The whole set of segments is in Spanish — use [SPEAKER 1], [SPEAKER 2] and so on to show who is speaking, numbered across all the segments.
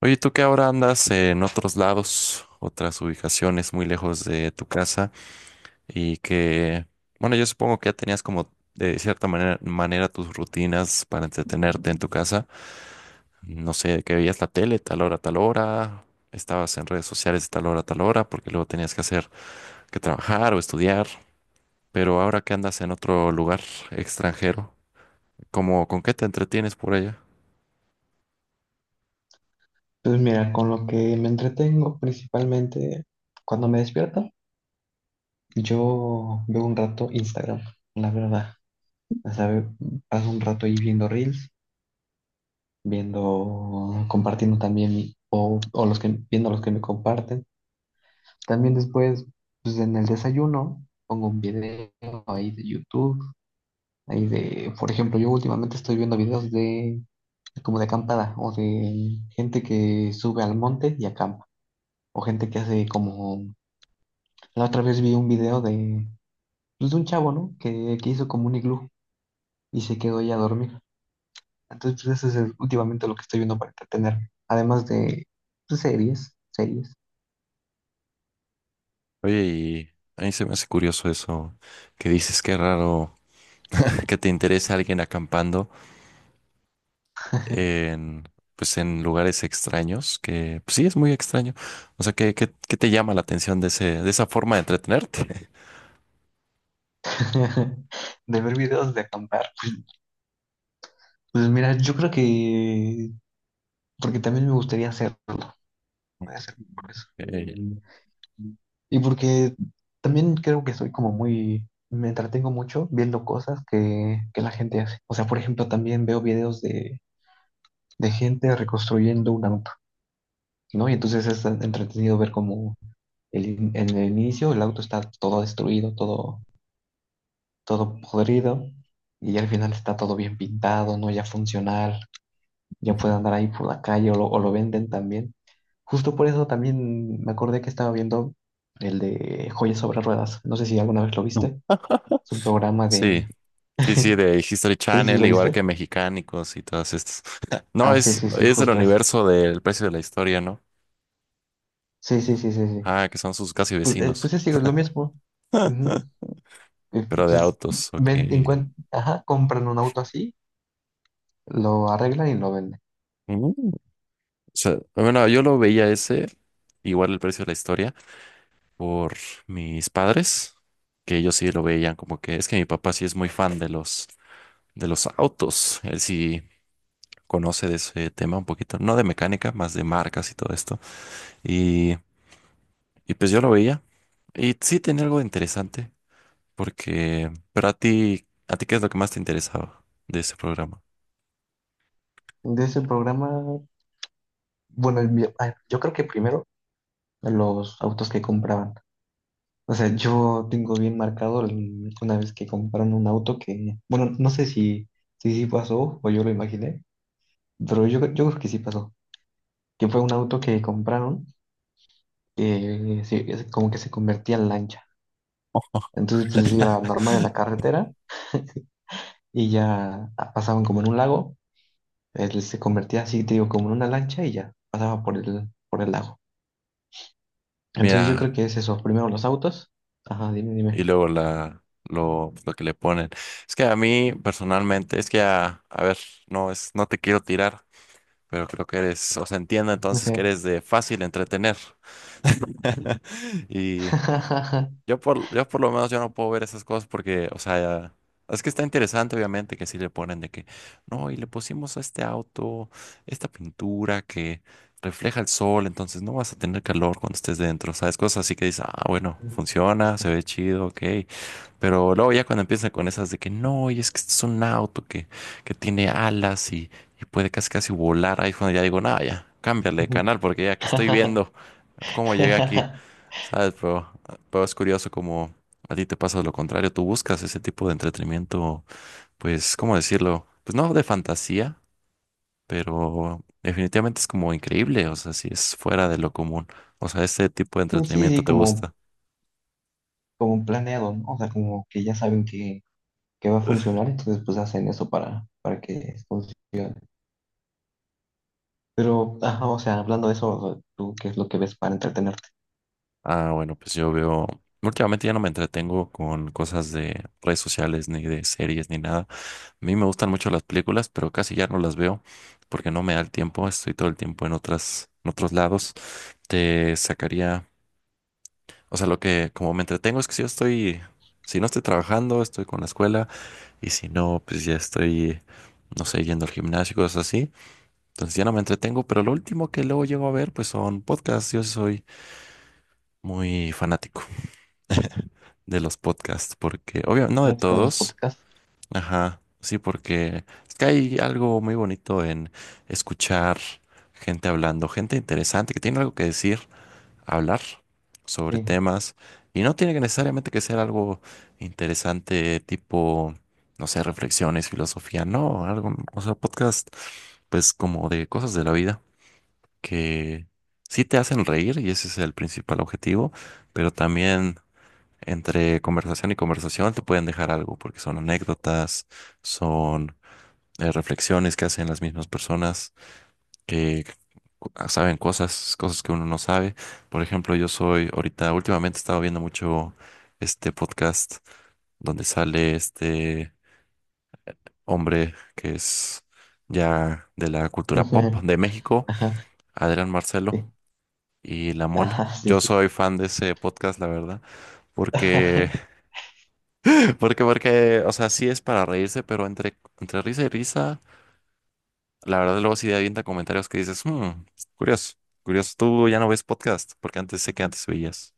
[SPEAKER 1] Oye, tú que ahora andas en otros lados, otras ubicaciones muy lejos de tu casa y que, bueno, yo supongo que ya tenías como de cierta manera tus rutinas para entretenerte en tu casa. No sé, que veías la tele tal hora, estabas en redes sociales tal hora, porque luego tenías que trabajar o estudiar. Pero ahora que andas en otro lugar extranjero, ¿cómo, con qué te entretienes por allá?
[SPEAKER 2] Pues mira, con lo que me entretengo principalmente cuando me despierto, yo veo un rato Instagram, la verdad. O sea, paso un rato ahí viendo reels, viendo, compartiendo también, viendo los que me comparten. También después, pues en el desayuno, pongo un video ahí de YouTube, ahí de, por ejemplo, yo últimamente estoy viendo videos de, como de acampada, o de gente que sube al monte y acampa, o gente que hace como... La otra vez vi un video de, pues, de un chavo, ¿no? Que hizo como un iglú y se quedó ahí a dormir. Entonces, pues eso es últimamente lo que estoy viendo para entretener. Además de pues, series.
[SPEAKER 1] Oye, y a mí se me hace curioso eso que dices, qué raro, que te interese alguien acampando en, pues en lugares extraños, que pues sí es muy extraño. O sea, ¿qué te llama la atención de ese, de esa forma de entretenerte?
[SPEAKER 2] De ver videos de acampar. Pues mira, yo creo que, porque también me gustaría hacerlo. Puede ser por eso.
[SPEAKER 1] Eh, Mm,
[SPEAKER 2] Y porque también creo que soy como muy, me entretengo mucho viendo cosas que la gente hace. O sea, por ejemplo, también veo videos de gente reconstruyendo una montaña, ¿no? Y entonces es entretenido ver cómo el en el inicio el auto está todo destruido, todo, todo podrido, y al final está todo bien pintado, ¿no? Ya funcional, ya puede andar ahí por la calle o lo venden también. Justo por eso también me acordé que estaba viendo el de Joyas sobre Ruedas. No sé si alguna vez lo
[SPEAKER 1] no.
[SPEAKER 2] viste. Es un programa
[SPEAKER 1] Sí,
[SPEAKER 2] de...
[SPEAKER 1] sí, sí, de History
[SPEAKER 2] Sí, sí,
[SPEAKER 1] Channel,
[SPEAKER 2] ¿lo
[SPEAKER 1] igual
[SPEAKER 2] viste?
[SPEAKER 1] que Mexicánicos y todas estas. No,
[SPEAKER 2] Ah, sí, sí, sí,
[SPEAKER 1] es del
[SPEAKER 2] justo eso.
[SPEAKER 1] universo del precio de la historia, ¿no?
[SPEAKER 2] Sí, sí, sí, sí, sí.
[SPEAKER 1] Ah, que son sus casi
[SPEAKER 2] Pues, pues
[SPEAKER 1] vecinos.
[SPEAKER 2] es igual, lo mismo. Ujú.
[SPEAKER 1] Pero de
[SPEAKER 2] Pues,
[SPEAKER 1] autos, ok.
[SPEAKER 2] ajá, compran un auto así, lo arreglan y lo venden.
[SPEAKER 1] Mm. O sea, bueno, yo lo veía ese, igual el precio de la historia, por mis padres, que ellos sí lo veían como que es que mi papá sí es muy fan de los autos, él sí conoce de ese tema un poquito, no de mecánica, más de marcas y todo esto. Y, y pues yo lo veía y sí tenía algo interesante porque, pero a ti ¿qué es lo que más te interesaba de ese programa?
[SPEAKER 2] De ese programa, bueno, ay, yo creo que primero los autos que compraban. O sea, yo tengo bien marcado una vez que compraron un auto que, bueno, no sé si, si sí pasó o yo lo imaginé, pero yo creo que sí pasó. Que fue un auto que compraron que sí, es como que se convertía en lancha. Entonces, pues iba normal en la carretera y ya ah, pasaban como en un lago. Él se convertía así, te digo, como en una lancha y ya pasaba por el lago. Entonces yo creo
[SPEAKER 1] Mira,
[SPEAKER 2] que es eso. Primero los autos. Ajá, dime,
[SPEAKER 1] y
[SPEAKER 2] dime.
[SPEAKER 1] luego la, lo que le ponen. Es que a mí personalmente, es que a ver, no es, no te quiero tirar, pero creo que eres, o sea, entiendo entonces que
[SPEAKER 2] Sí.
[SPEAKER 1] eres de fácil entretener. Y yo por lo menos yo no puedo ver esas cosas porque, o sea, es que está interesante obviamente que sí le ponen de que, no, y le pusimos a este auto esta pintura que refleja el sol, entonces no vas a tener calor cuando estés dentro, ¿sabes? Cosas así que dices, ah, bueno, funciona, se ve chido, ok. Pero luego ya cuando empiezan con esas de que no, y es que este es un auto que tiene alas y puede casi casi volar, ahí es cuando ya digo, nada, ya, cámbiale de canal porque ya que estoy viendo cómo llegué aquí, ¿sabes? Pero es curioso como a ti te pasa lo contrario, tú buscas ese tipo de entretenimiento, pues, ¿cómo decirlo? Pues no de fantasía, pero definitivamente es como increíble, o sea, si es fuera de lo común, o sea, ese tipo de
[SPEAKER 2] Sí, sí,
[SPEAKER 1] entretenimiento te
[SPEAKER 2] como,
[SPEAKER 1] gusta.
[SPEAKER 2] como planeado, ¿no? O sea, como que ya saben que va a funcionar, entonces pues hacen eso para que funcione. Pero, ajá, o sea, hablando de eso, o sea, ¿tú qué es lo que ves para entretenerte?
[SPEAKER 1] Ah, bueno, pues yo veo, últimamente ya no me entretengo con cosas de redes sociales, ni de series, ni nada. A mí me gustan mucho las películas, pero casi ya no las veo porque no me da el tiempo, estoy todo el tiempo en otras, en otros lados. Te sacaría, o sea, lo que como me entretengo es que si yo estoy, si no estoy trabajando, estoy con la escuela, y si no, pues ya estoy, no sé, yendo al gimnasio, cosas así. Entonces ya no me entretengo, pero lo último que luego llego a ver, pues son podcasts, yo soy muy fanático de los podcasts, porque, obvio, no de
[SPEAKER 2] ¿Fanático de los
[SPEAKER 1] todos,
[SPEAKER 2] podcasts?
[SPEAKER 1] ajá, sí, porque es que hay algo muy bonito en escuchar gente hablando, gente interesante que tiene algo que decir, hablar sobre
[SPEAKER 2] Sí.
[SPEAKER 1] temas, y no tiene que necesariamente que ser algo interesante, tipo, no sé, reflexiones, filosofía, no, algo, o sea, podcast, pues como de cosas de la vida que sí te hacen reír, y ese es el principal objetivo, pero también entre conversación y conversación te pueden dejar algo, porque son anécdotas, son reflexiones que hacen las mismas personas que saben cosas, cosas que uno no sabe. Por ejemplo, yo soy ahorita, últimamente he estado viendo mucho este podcast donde sale este hombre que es ya de la cultura pop de México,
[SPEAKER 2] Ajá,
[SPEAKER 1] Adrián Marcelo
[SPEAKER 2] sí.
[SPEAKER 1] y La Mole.
[SPEAKER 2] Ajá, sí,
[SPEAKER 1] Yo
[SPEAKER 2] sí, sí.
[SPEAKER 1] soy fan de ese podcast, la verdad, porque porque o sea, sí es para reírse, pero entre risa y risa, la verdad luego sí avienta comentarios que dices, "Hmm, curioso, curioso, tú ya no ves podcast, porque antes sé que antes veías,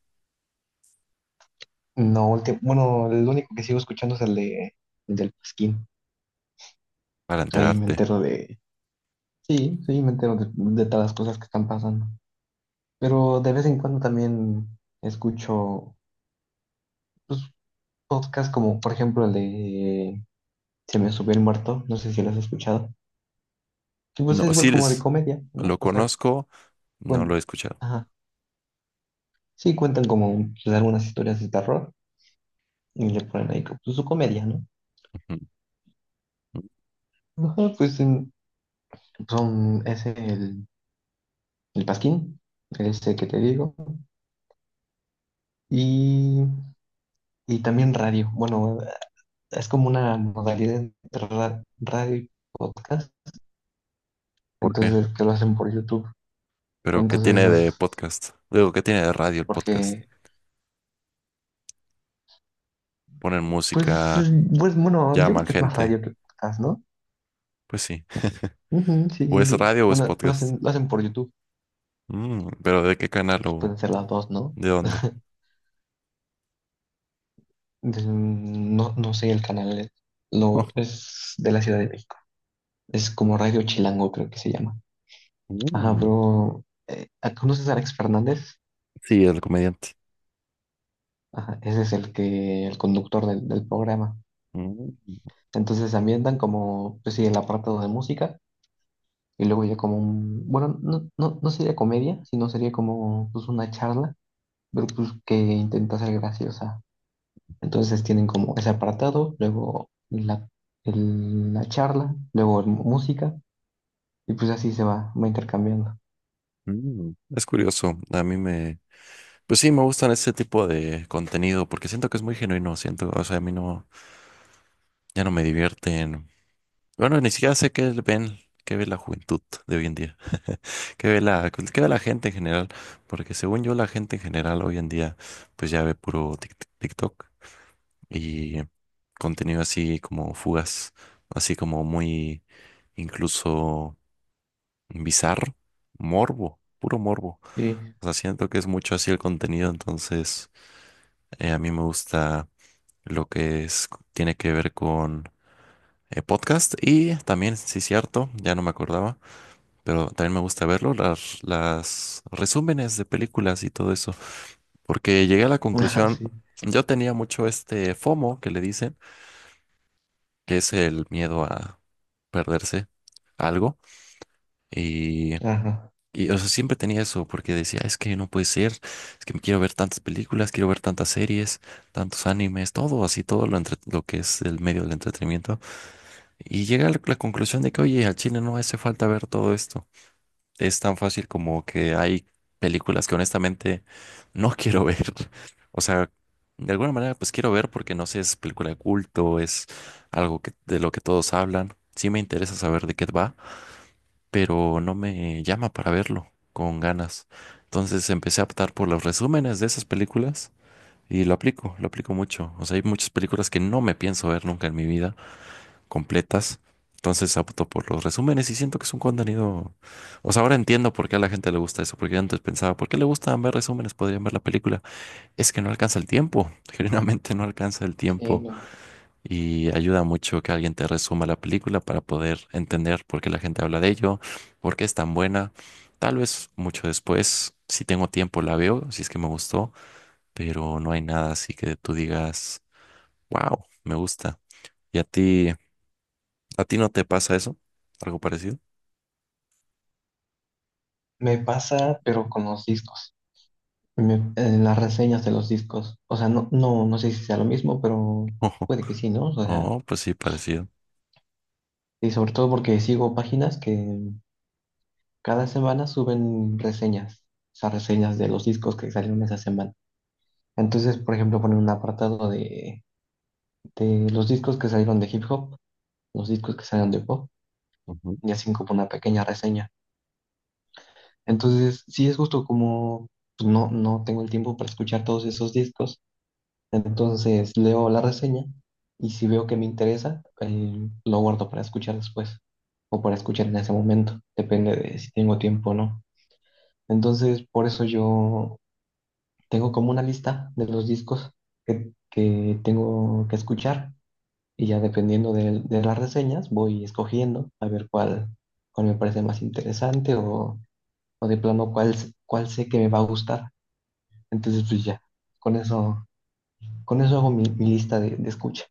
[SPEAKER 2] No, último, bueno, el único que sigo escuchando es el de el del Pasquín.
[SPEAKER 1] para
[SPEAKER 2] Ahí me
[SPEAKER 1] enterarte."
[SPEAKER 2] entero de, sí, sí, me entero de todas las cosas que están pasando. Pero de vez en cuando también escucho pues, podcasts como, por ejemplo, el de Se me subió el muerto, no sé si lo has escuchado. Que pues es
[SPEAKER 1] No,
[SPEAKER 2] igual
[SPEAKER 1] sí,
[SPEAKER 2] como de
[SPEAKER 1] les,
[SPEAKER 2] comedia, ¿no?
[SPEAKER 1] lo
[SPEAKER 2] O sea,
[SPEAKER 1] conozco, no lo he
[SPEAKER 2] cuen-
[SPEAKER 1] escuchado.
[SPEAKER 2] ajá, sí cuentan como pues, algunas historias de terror y le ponen ahí como, pues, su comedia, ¿no?
[SPEAKER 1] Ujú.
[SPEAKER 2] Ajá, pues son, es el Pasquín, este que te digo. Y, y también radio. Bueno, es como una modalidad entre radio y podcast,
[SPEAKER 1] ¿Por qué?
[SPEAKER 2] entonces que lo hacen por YouTube.
[SPEAKER 1] Pero, ¿qué
[SPEAKER 2] Entonces
[SPEAKER 1] tiene
[SPEAKER 2] es
[SPEAKER 1] de podcast? Digo, ¿qué tiene de radio el podcast?
[SPEAKER 2] porque,
[SPEAKER 1] Ponen
[SPEAKER 2] pues,
[SPEAKER 1] música,
[SPEAKER 2] pues bueno, yo
[SPEAKER 1] llaman
[SPEAKER 2] creo que es más
[SPEAKER 1] gente,
[SPEAKER 2] radio que podcast, ¿no?
[SPEAKER 1] pues sí.
[SPEAKER 2] Ujú, sí,
[SPEAKER 1] O
[SPEAKER 2] sí,
[SPEAKER 1] es
[SPEAKER 2] sí.
[SPEAKER 1] radio o es
[SPEAKER 2] Bueno, lo
[SPEAKER 1] podcast.
[SPEAKER 2] hacen, lo hacen por YouTube,
[SPEAKER 1] Mm, pero ¿de qué canal
[SPEAKER 2] pues
[SPEAKER 1] o
[SPEAKER 2] pueden ser las dos, ¿no?
[SPEAKER 1] de dónde?
[SPEAKER 2] Entonces, mm, no, no sé el canal, lo, es de la Ciudad de México. Es como Radio Chilango, creo que se llama. Ajá,
[SPEAKER 1] Mm,
[SPEAKER 2] pero ¿conoces a Alex Fernández?
[SPEAKER 1] sí, el comediante.
[SPEAKER 2] Ajá, ese es el que, el conductor del, del programa.
[SPEAKER 1] Mm,
[SPEAKER 2] Entonces se ambientan como, pues sí, el apartado de música y luego ya como un, bueno, no, no, no sería comedia, sino sería como pues una charla, pero pues que intenta ser graciosa. Entonces tienen como ese apartado, luego la, la charla, luego música y pues así se va, va intercambiando.
[SPEAKER 1] Es curioso, a mí me, pues sí, me gustan ese tipo de contenido porque siento que es muy genuino, siento, o sea, a mí no, ya no me divierten, bueno, ni siquiera sé qué ven, qué ve la juventud de hoy en día, qué ve la gente en general, porque según yo la gente en general hoy en día, pues ya ve puro TikTok y contenido así como fugas, así como muy incluso bizarro, morbo, puro morbo.
[SPEAKER 2] Sí,
[SPEAKER 1] O sea, siento que es mucho así el contenido, entonces a mí me gusta lo que es, tiene que ver con podcast y también, sí, cierto, ya no me acordaba, pero también me gusta verlo, las resúmenes de películas y todo eso, porque llegué a la
[SPEAKER 2] ajá,
[SPEAKER 1] conclusión,
[SPEAKER 2] sí,
[SPEAKER 1] yo tenía mucho este FOMO que le dicen, que es el miedo a perderse algo. Y
[SPEAKER 2] ajá.
[SPEAKER 1] O sea, siempre tenía eso, porque decía, es que no puede ser, es que quiero ver tantas películas, quiero ver tantas series, tantos animes, todo así, todo lo, entre- lo que es el medio del entretenimiento. Y llega a la, la conclusión de que, oye, al chile no hace falta ver todo esto. Es tan fácil como que hay películas que honestamente no quiero ver. O sea, de alguna manera, pues quiero ver porque no sé, es película de culto, es algo que, de lo que todos hablan. Sí me interesa saber de qué va, pero no me llama para verlo con ganas. Entonces empecé a optar por los resúmenes de esas películas y lo aplico mucho. O sea, hay muchas películas que no me pienso ver nunca en mi vida completas. Entonces opto por los resúmenes y siento que es un contenido... O sea, ahora entiendo por qué a la gente le gusta eso, porque yo antes pensaba, ¿por qué le gustan ver resúmenes? Podrían ver la película. Es que no alcanza el tiempo, genuinamente no alcanza el
[SPEAKER 2] Sí,
[SPEAKER 1] tiempo
[SPEAKER 2] no.
[SPEAKER 1] y ayuda mucho que alguien te resuma la película para poder entender por qué la gente habla de ello, por qué es tan buena. Tal vez mucho después, si tengo tiempo, la veo, si es que me gustó, pero no hay nada así que tú digas, wow, me gusta. ¿Y a ti no te pasa eso? ¿Algo parecido?
[SPEAKER 2] Me pasa, pero con los discos. En las reseñas de los discos. O sea, no, no, no sé si sea lo mismo, pero puede que sí, ¿no? O sea,
[SPEAKER 1] Oh, pues sí, parecido.
[SPEAKER 2] y sobre todo porque sigo páginas que cada semana suben reseñas, o sea, reseñas de los discos que salieron esa semana. Entonces, por ejemplo, ponen un apartado de los discos que salieron de hip hop, los discos que salieron de pop, y así como una pequeña reseña. Entonces, sí es justo como pues, no, no tengo el tiempo para escuchar todos esos discos. Entonces leo la reseña y si veo que me interesa, lo guardo para escuchar después o para escuchar en ese momento, depende de si tengo tiempo o no. Entonces, por eso yo tengo como una lista de los discos que tengo que escuchar y ya dependiendo de las reseñas voy escogiendo a ver cuál, cuál me parece más interesante o de plano cuál, cuál sé que me va a gustar. Entonces, pues ya, con eso, con eso hago mi, mi lista de escucha.